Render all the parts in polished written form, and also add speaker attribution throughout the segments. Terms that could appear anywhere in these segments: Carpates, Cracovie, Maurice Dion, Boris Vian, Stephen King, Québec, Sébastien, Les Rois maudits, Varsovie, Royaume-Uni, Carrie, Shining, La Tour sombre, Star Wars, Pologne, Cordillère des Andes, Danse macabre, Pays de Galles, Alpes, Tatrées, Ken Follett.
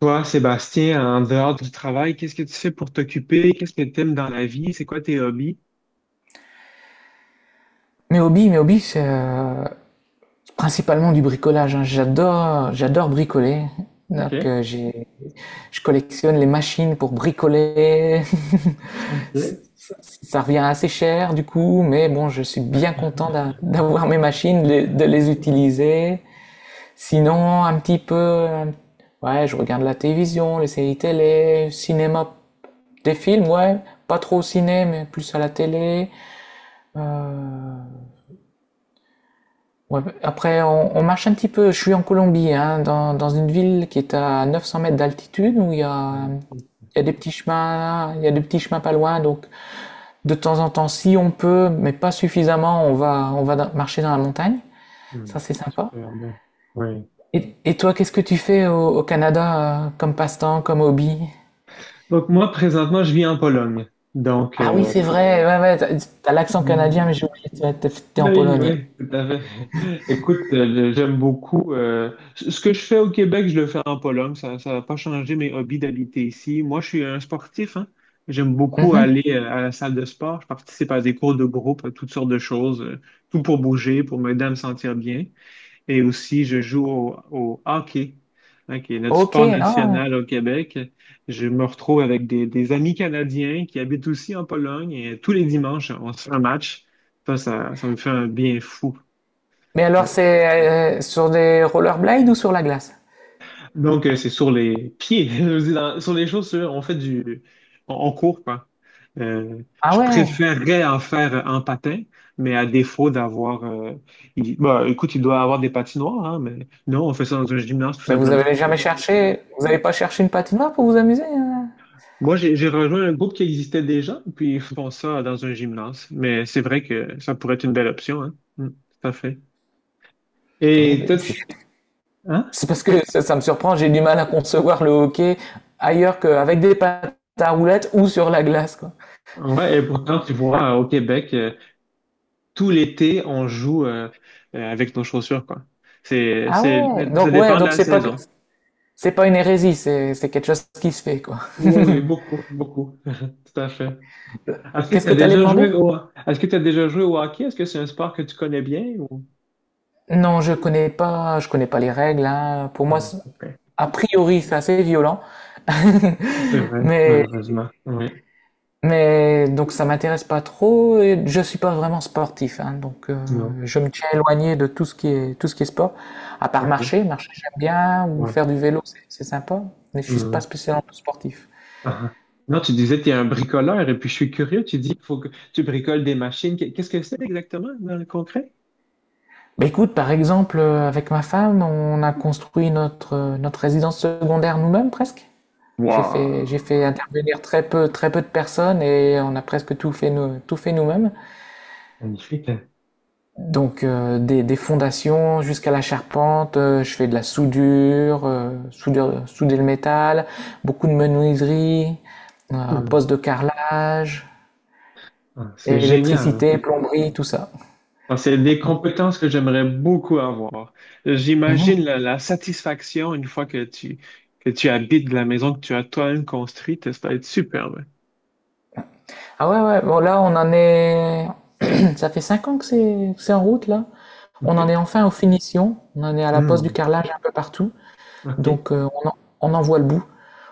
Speaker 1: Toi, Sébastien, en dehors du travail, qu'est-ce que tu fais pour t'occuper? Qu'est-ce que tu aimes dans la vie? C'est quoi tes hobbies?
Speaker 2: Mes hobbies, c'est principalement du bricolage, hein. J'adore bricoler.
Speaker 1: Ok,
Speaker 2: Donc, je collectionne les machines pour bricoler.
Speaker 1: ok.
Speaker 2: Ça revient assez cher du coup, mais bon, je suis bien content d'avoir mes machines, de les utiliser. Sinon, un petit peu, ouais, je regarde la télévision, les séries télé, cinéma, des films, ouais, pas trop au ciné, mais plus à la télé. Euh, Ouais, après, on marche un petit peu. Je suis en Colombie, hein, dans une ville qui est à 900 mètres d'altitude où il y a,
Speaker 1: Ouais.
Speaker 2: il y a des petits chemins, il y a des petits chemins pas loin. Donc, de temps en temps, si on peut, mais pas suffisamment, marcher dans la montagne. Ça,
Speaker 1: Hmm.
Speaker 2: c'est sympa.
Speaker 1: Super bien. Ouais.
Speaker 2: Et toi, qu'est-ce que tu fais au Canada, comme passe-temps, comme hobby?
Speaker 1: Donc moi, présentement, je vis en Pologne. Donc,
Speaker 2: Ah oui, c'est vrai. Ouais, ouais, t'as l'accent
Speaker 1: euh,
Speaker 2: canadien, mais j'ai oublié. T'es en
Speaker 1: oui,
Speaker 2: Pologne.
Speaker 1: oui, tout à fait. Écoute, j'aime beaucoup. Ce que je fais au Québec, je le fais en Pologne. Ça n'a pas changé mes hobbies d'habiter ici. Moi, je suis un sportif, hein. J'aime beaucoup aller à la salle de sport. Je participe à des cours de groupe, à toutes sortes de choses, tout pour bouger, pour m'aider à me sentir bien. Et aussi, je joue au hockey, hein, qui est notre
Speaker 2: Ok.
Speaker 1: sport
Speaker 2: Ah.
Speaker 1: national au Québec. Je me retrouve avec des amis canadiens qui habitent aussi en Pologne et tous les dimanches, on se fait un match. Ça me fait un bien fou.
Speaker 2: Mais alors,
Speaker 1: Ouais.
Speaker 2: c'est sur des rollerblades ou sur la glace?
Speaker 1: Donc, c'est sur les pieds, sur les chaussures, on fait du... On court, quoi. Euh,
Speaker 2: Ah
Speaker 1: je
Speaker 2: ouais.
Speaker 1: préférerais en faire en patin, mais à défaut d'avoir... écoute, il doit avoir des patinoires, hein, mais non, on fait ça dans un gymnase, tout
Speaker 2: Ben, vous
Speaker 1: simplement.
Speaker 2: avez jamais cherché, vous n'avez pas cherché une patinoire pour vous amuser, hein?
Speaker 1: Moi, j'ai rejoint un groupe qui existait déjà, puis ils font ça dans un gymnase. Mais c'est vrai que ça pourrait être une belle option, hein. Mm, tout à fait. Et toi... hein?
Speaker 2: C'est parce que ça me surprend, j'ai du mal à concevoir le hockey ailleurs qu'avec des patins à roulettes ou sur la glace, quoi.
Speaker 1: Ouais, et pourtant, tu vois, au Québec, tout l'été, on joue avec nos chaussures, quoi. C'est,
Speaker 2: Ah
Speaker 1: c'est, ça
Speaker 2: ouais,
Speaker 1: dépend de
Speaker 2: donc
Speaker 1: la saison.
Speaker 2: c'est pas une hérésie, c'est quelque chose qui se fait, quoi.
Speaker 1: Oui, oui, beaucoup, beaucoup. Tout à fait. Est-ce que
Speaker 2: Qu'est-ce
Speaker 1: tu
Speaker 2: que
Speaker 1: as
Speaker 2: t'allais
Speaker 1: déjà joué
Speaker 2: demander?
Speaker 1: au, est-ce que tu déjà joué au hockey? Est-ce que c'est un sport que tu connais bien ou...
Speaker 2: Non, je connais pas les règles, hein. Pour moi,
Speaker 1: Ah, ok.
Speaker 2: a priori, c'est assez violent.
Speaker 1: C'est vrai,
Speaker 2: Mais
Speaker 1: malheureusement. Oui,
Speaker 2: Mais donc ça m'intéresse pas trop et je suis pas vraiment sportif, hein, donc
Speaker 1: non.
Speaker 2: je me tiens éloigné de tout ce qui est sport, à part
Speaker 1: OK.
Speaker 2: marcher, marcher j'aime bien ou
Speaker 1: Oui.
Speaker 2: faire du vélo, c'est sympa, mais je suis pas spécialement sportif.
Speaker 1: Ah. Non, tu disais que tu es un bricoleur et puis je suis curieux. Tu dis qu'il faut que tu bricoles des machines. Qu'est-ce que c'est exactement dans le concret?
Speaker 2: Bah écoute, par exemple, avec ma femme, on a construit notre résidence secondaire nous-mêmes presque. J'ai fait
Speaker 1: Wow!
Speaker 2: intervenir très peu de personnes et on a presque tout fait nous-mêmes.
Speaker 1: Magnifique. Hein?
Speaker 2: Donc des fondations jusqu'à la charpente, je fais de la soudure, souder le métal, beaucoup de menuiserie,
Speaker 1: Hmm.
Speaker 2: poste de carrelage,
Speaker 1: Ah, c'est génial.
Speaker 2: électricité, plomberie, tout ça.
Speaker 1: Ah, c'est des compétences que j'aimerais beaucoup avoir. J'imagine
Speaker 2: Mhm.
Speaker 1: la satisfaction une fois que que tu habites la maison que tu as toi-même construite. Ça va être superbe.
Speaker 2: Ah ouais, ouais, bon là on en est... Ça fait 5 ans que c'est en route là. On en est
Speaker 1: OK.
Speaker 2: enfin aux finitions, on en est à la pose du
Speaker 1: Hmm.
Speaker 2: carrelage un peu partout,
Speaker 1: OK.
Speaker 2: donc on en voit le bout.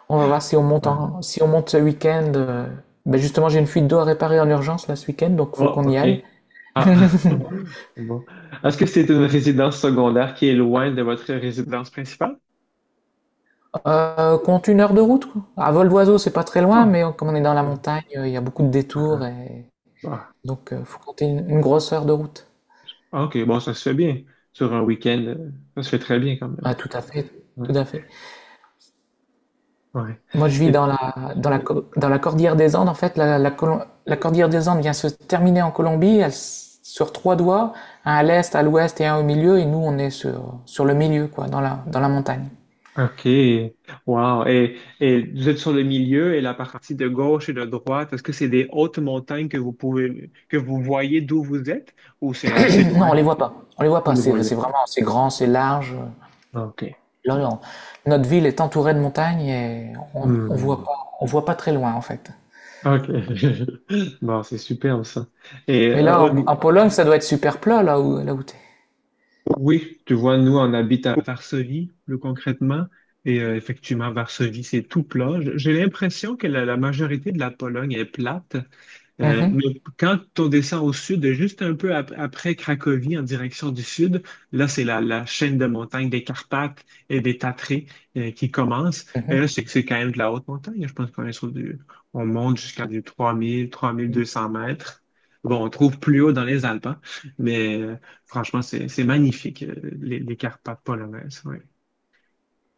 Speaker 2: On va voir
Speaker 1: Ah.
Speaker 2: si on monte ce week-end. Ben justement, j'ai une fuite d'eau à réparer en urgence là ce week-end, donc faut
Speaker 1: Oh,
Speaker 2: qu'on y aille.
Speaker 1: OK. Ah. Bon. Est-ce que c'est une résidence secondaire qui est loin de votre résidence principale?
Speaker 2: Compte une heure de route, quoi. À vol d'oiseau, c'est pas très loin,
Speaker 1: Ah,
Speaker 2: mais comme on est dans la
Speaker 1: ah,
Speaker 2: montagne, il y a beaucoup de détours
Speaker 1: ah,
Speaker 2: et
Speaker 1: ah.
Speaker 2: donc faut compter une grosse heure de route.
Speaker 1: Ah, OK, bon, ça se fait bien. Sur un week-end, ça se fait très bien quand même.
Speaker 2: Ah, tout à fait,
Speaker 1: Ouais.
Speaker 2: tout à fait.
Speaker 1: ouais.
Speaker 2: Moi, je vis
Speaker 1: Et...
Speaker 2: dans la cordillère des Andes. En fait, la cordillère des Andes vient se terminer en Colombie. Sur trois doigts, un à l'est, à l'ouest et un au milieu, et nous on est sur le milieu, quoi, dans la montagne.
Speaker 1: OK. Wow. Et vous êtes sur le milieu et la partie de gauche et de droite, est-ce que c'est des hautes montagnes que vous pouvez que vous voyez d'où vous êtes ou c'est assez
Speaker 2: Non,
Speaker 1: loin?
Speaker 2: on les voit pas. On les voit
Speaker 1: Vous
Speaker 2: pas.
Speaker 1: ne les
Speaker 2: C'est
Speaker 1: voyez
Speaker 2: c'est
Speaker 1: pas.
Speaker 2: vraiment, c'est grand, c'est large.
Speaker 1: OK.
Speaker 2: Là, notre ville est entourée de montagnes et
Speaker 1: Hmm.
Speaker 2: on voit pas très loin en fait.
Speaker 1: OK. Bon, c'est superbe ça. Et
Speaker 2: Mais là,
Speaker 1: euh, au,
Speaker 2: en Pologne, ça doit être super plat là où t'es.
Speaker 1: Oui, tu vois, nous, on habite à Varsovie, plus concrètement, et effectivement, Varsovie, c'est tout plat. J'ai l'impression que la majorité de la Pologne est plate.
Speaker 2: Mhm,
Speaker 1: Mais quand on descend au sud, juste un peu après Cracovie, en direction du sud, là, c'est la chaîne de montagnes des Carpates et des Tatrées qui commence. Et là,
Speaker 2: mhm.
Speaker 1: c'est que c'est quand même de la haute montagne. Je pense qu'on est sur du, on monte jusqu'à du 3200 mètres. Bon, on trouve plus haut dans les Alpes, hein, mais franchement, c'est magnifique, les Carpates polonaises. Ouais.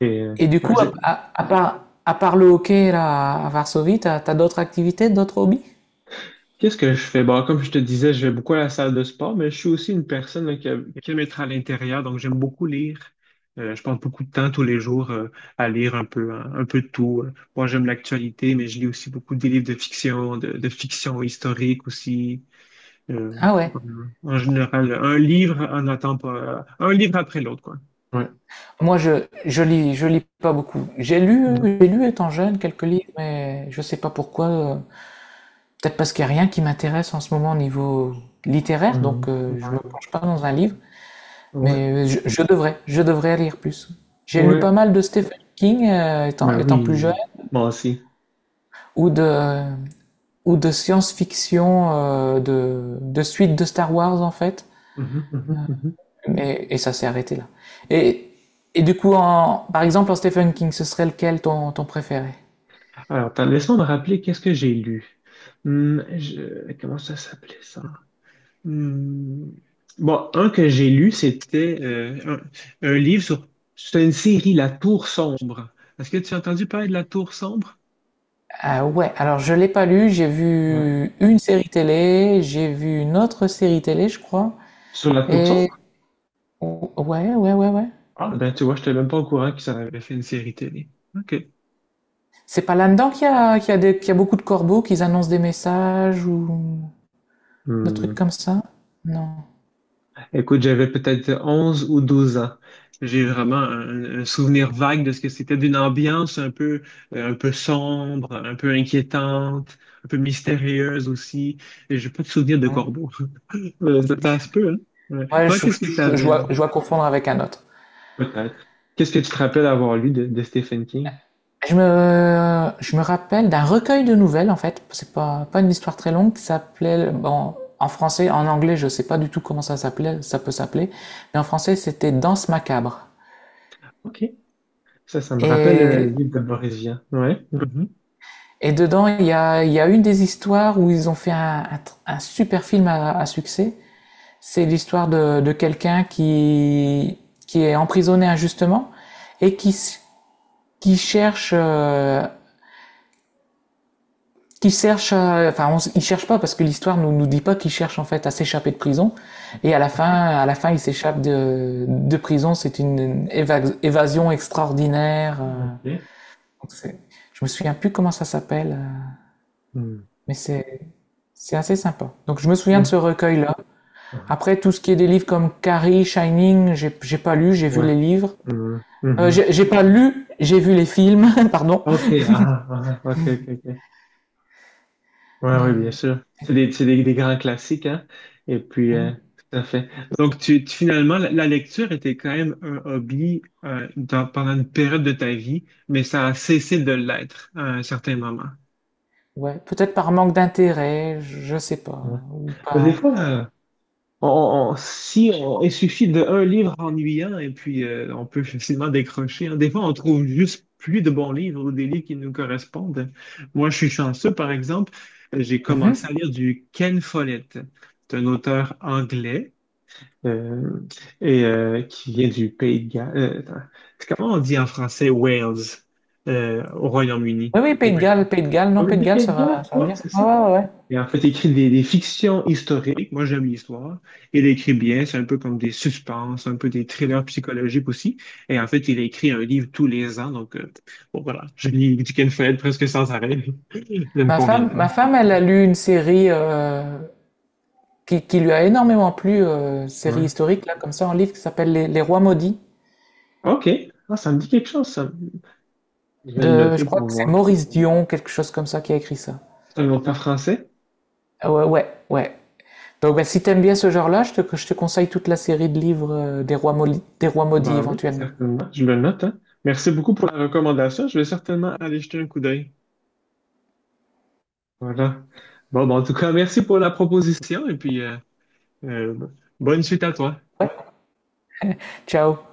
Speaker 1: Et, euh,
Speaker 2: Et du
Speaker 1: ouais,
Speaker 2: coup, à part le hockey là à Varsovie, t'as d'autres activités, d'autres hobbies?
Speaker 1: qu'est-ce que je fais? Bon, comme je te disais, je vais beaucoup à la salle de sport, mais je suis aussi une personne là, qui aime être à l'intérieur, donc j'aime beaucoup lire. Je passe beaucoup de temps tous les jours à lire un peu, hein, un peu de tout. Moi, j'aime l'actualité, mais je lis aussi beaucoup des livres de fiction, de fiction historique aussi. euh,
Speaker 2: Ah ouais.
Speaker 1: en général, un livre en attend pas, un livre après l'autre, quoi. Ouais.
Speaker 2: Moi, je lis pas beaucoup. J'ai
Speaker 1: Ouais.
Speaker 2: lu j'ai lu étant jeune quelques livres, mais je sais pas pourquoi. Peut-être parce qu'il n'y a rien qui m'intéresse en ce moment au niveau littéraire,
Speaker 1: Euh,
Speaker 2: donc je me penche pas dans un livre,
Speaker 1: ouais.
Speaker 2: mais je devrais lire plus. J'ai lu pas
Speaker 1: Ouais.
Speaker 2: mal de Stephen King étant,
Speaker 1: Ben
Speaker 2: étant plus jeune,
Speaker 1: oui, moi aussi.
Speaker 2: ou de, ou de science-fiction, de suite de Star Wars en fait,
Speaker 1: Mhm, mhm, mhm.
Speaker 2: mais, et ça s'est arrêté là. Et, et du coup, par exemple, en Stephen King, ce serait lequel ton préféré?
Speaker 1: Alors, attends, laisse-moi me rappeler qu'est-ce que j'ai lu. Comment ça s'appelait ça? Hum, Bon, un que j'ai lu, c'était un livre sur... C'est une série, La Tour sombre. Est-ce que tu as entendu parler de La Tour sombre?
Speaker 2: Ah ouais, alors je l'ai pas lu, j'ai
Speaker 1: Ouais.
Speaker 2: vu une série télé, j'ai vu une autre série télé, je crois,
Speaker 1: Sur La Tour
Speaker 2: et
Speaker 1: sombre?
Speaker 2: Ouais, ouais, ouais, ouais.
Speaker 1: Ah, ben tu vois, je n'étais même pas au courant qu'ils en avaient fait une série télé. OK.
Speaker 2: C'est pas là-dedans qu'il y a beaucoup de corbeaux, qu'ils annoncent des messages ou des trucs comme ça? Non.
Speaker 1: Écoute, j'avais peut-être 11 ou 12 ans. J'ai vraiment un souvenir vague de ce que c'était d'une ambiance un peu sombre, un peu inquiétante, un peu mystérieuse aussi. Et j'ai pas de souvenir de
Speaker 2: Hmm.
Speaker 1: corbeau. Ça se peut, hein? Ouais.
Speaker 2: Ouais,
Speaker 1: Toi,
Speaker 2: je,
Speaker 1: qu'est-ce que
Speaker 2: je, je
Speaker 1: t'avais?
Speaker 2: dois, je dois confondre avec un autre.
Speaker 1: Peut-être. Qu'est-ce que tu te rappelles avoir lu de Stephen King?
Speaker 2: Je me rappelle d'un recueil de nouvelles, en fait. C'est pas une histoire très longue qui s'appelait, bon, en français, en anglais, je sais pas du tout comment ça s'appelait, ça peut s'appeler, mais en français, c'était Danse macabre.
Speaker 1: OK. Ça me rappelle le
Speaker 2: Et,
Speaker 1: livre de Boris Vian. Ouais. Mhm.
Speaker 2: et dedans, il y a une des histoires où ils ont fait un super film à succès. C'est l'histoire de quelqu'un qui est emprisonné injustement et qui cherche, euh, enfin, on il cherche pas parce que l'histoire nous dit pas qu'il cherche en fait à s'échapper de prison. Et à la fin, il s'échappe de prison. C'est une évasion extraordinaire.
Speaker 1: OK.
Speaker 2: Donc, je me souviens plus comment ça s'appelle,
Speaker 1: Hmm.
Speaker 2: mais c'est assez sympa. Donc je me souviens de ce
Speaker 1: Hmm.
Speaker 2: recueil-là.
Speaker 1: Ah,
Speaker 2: Après, tout ce qui est des livres comme Carrie, Shining, j'ai pas lu, j'ai vu
Speaker 1: Ouais.
Speaker 2: les livres.
Speaker 1: Hmm.
Speaker 2: Euh,
Speaker 1: Mhm.
Speaker 2: j'ai j'ai pas lu, j'ai vu les films, pardon.
Speaker 1: OK. Ah, ah, OK, OK, OK. Ouais, ouais, bien
Speaker 2: Mais
Speaker 1: sûr. Des grands classiques, hein? Et puis,
Speaker 2: hmm,
Speaker 1: tout à fait. Donc, finalement, la lecture était quand même un hobby pendant une période de ta vie, mais ça a cessé de l'être à un certain moment.
Speaker 2: ouais, peut-être par manque d'intérêt, je sais pas,
Speaker 1: Ouais.
Speaker 2: ou
Speaker 1: Des
Speaker 2: pas.
Speaker 1: fois, on- si on, il suffit d'un livre ennuyant et puis on peut facilement décrocher. Hein. Des fois, on trouve juste plus de bons livres ou des livres qui nous correspondent. Moi, je suis chanceux, par exemple, j'ai commencé
Speaker 2: Mhm.
Speaker 1: à lire du Ken Follett. C'est un auteur anglais euh, qui vient du Pays de Galles. Attends, c'est comment on dit en français Wales au Royaume-Uni?
Speaker 2: Oui, oui,
Speaker 1: Wales.
Speaker 2: Pays de Galles, non,
Speaker 1: On
Speaker 2: Pays de
Speaker 1: dit
Speaker 2: Galles,
Speaker 1: Pays de Galles?
Speaker 2: ça va
Speaker 1: Ouais,
Speaker 2: bien.
Speaker 1: c'est
Speaker 2: Ouais,
Speaker 1: ça.
Speaker 2: ouais, ouais,
Speaker 1: Et en fait, il écrit des fictions historiques. Moi, j'aime l'histoire. Il écrit bien. C'est un peu comme des suspens, un peu des
Speaker 2: ouais.
Speaker 1: thrillers psychologiques aussi. Et en fait, il écrit un livre tous les ans. Donc, bon, voilà. Je lis du Ken Follett presque sans arrêt. Ça me
Speaker 2: Ma
Speaker 1: convient
Speaker 2: femme, ma
Speaker 1: bien.
Speaker 2: femme, elle a lu une série qui lui a énormément plu, série
Speaker 1: Ouais.
Speaker 2: historique là, comme ça, en livre qui s'appelle Les Rois maudits
Speaker 1: OK. Ah, ça me dit quelque chose, ça. Je vais le
Speaker 2: de, je
Speaker 1: noter
Speaker 2: crois
Speaker 1: pour
Speaker 2: que c'est
Speaker 1: voir.
Speaker 2: Maurice Dion, quelque chose comme ça, qui a écrit ça.
Speaker 1: C'est un auteur français?
Speaker 2: Ah ouais, ouais, ouais. Donc, ben, si t'aimes bien ce genre-là, je te conseille toute la série de livres des rois maudits
Speaker 1: Ben oui,
Speaker 2: éventuellement.
Speaker 1: certainement. Je le note, hein. Merci beaucoup pour la recommandation. Je vais certainement aller jeter un coup d'œil. Voilà. Bon, ben, en tout cas, merci pour la proposition et puis euh, bonne suite à toi.
Speaker 2: Ciao!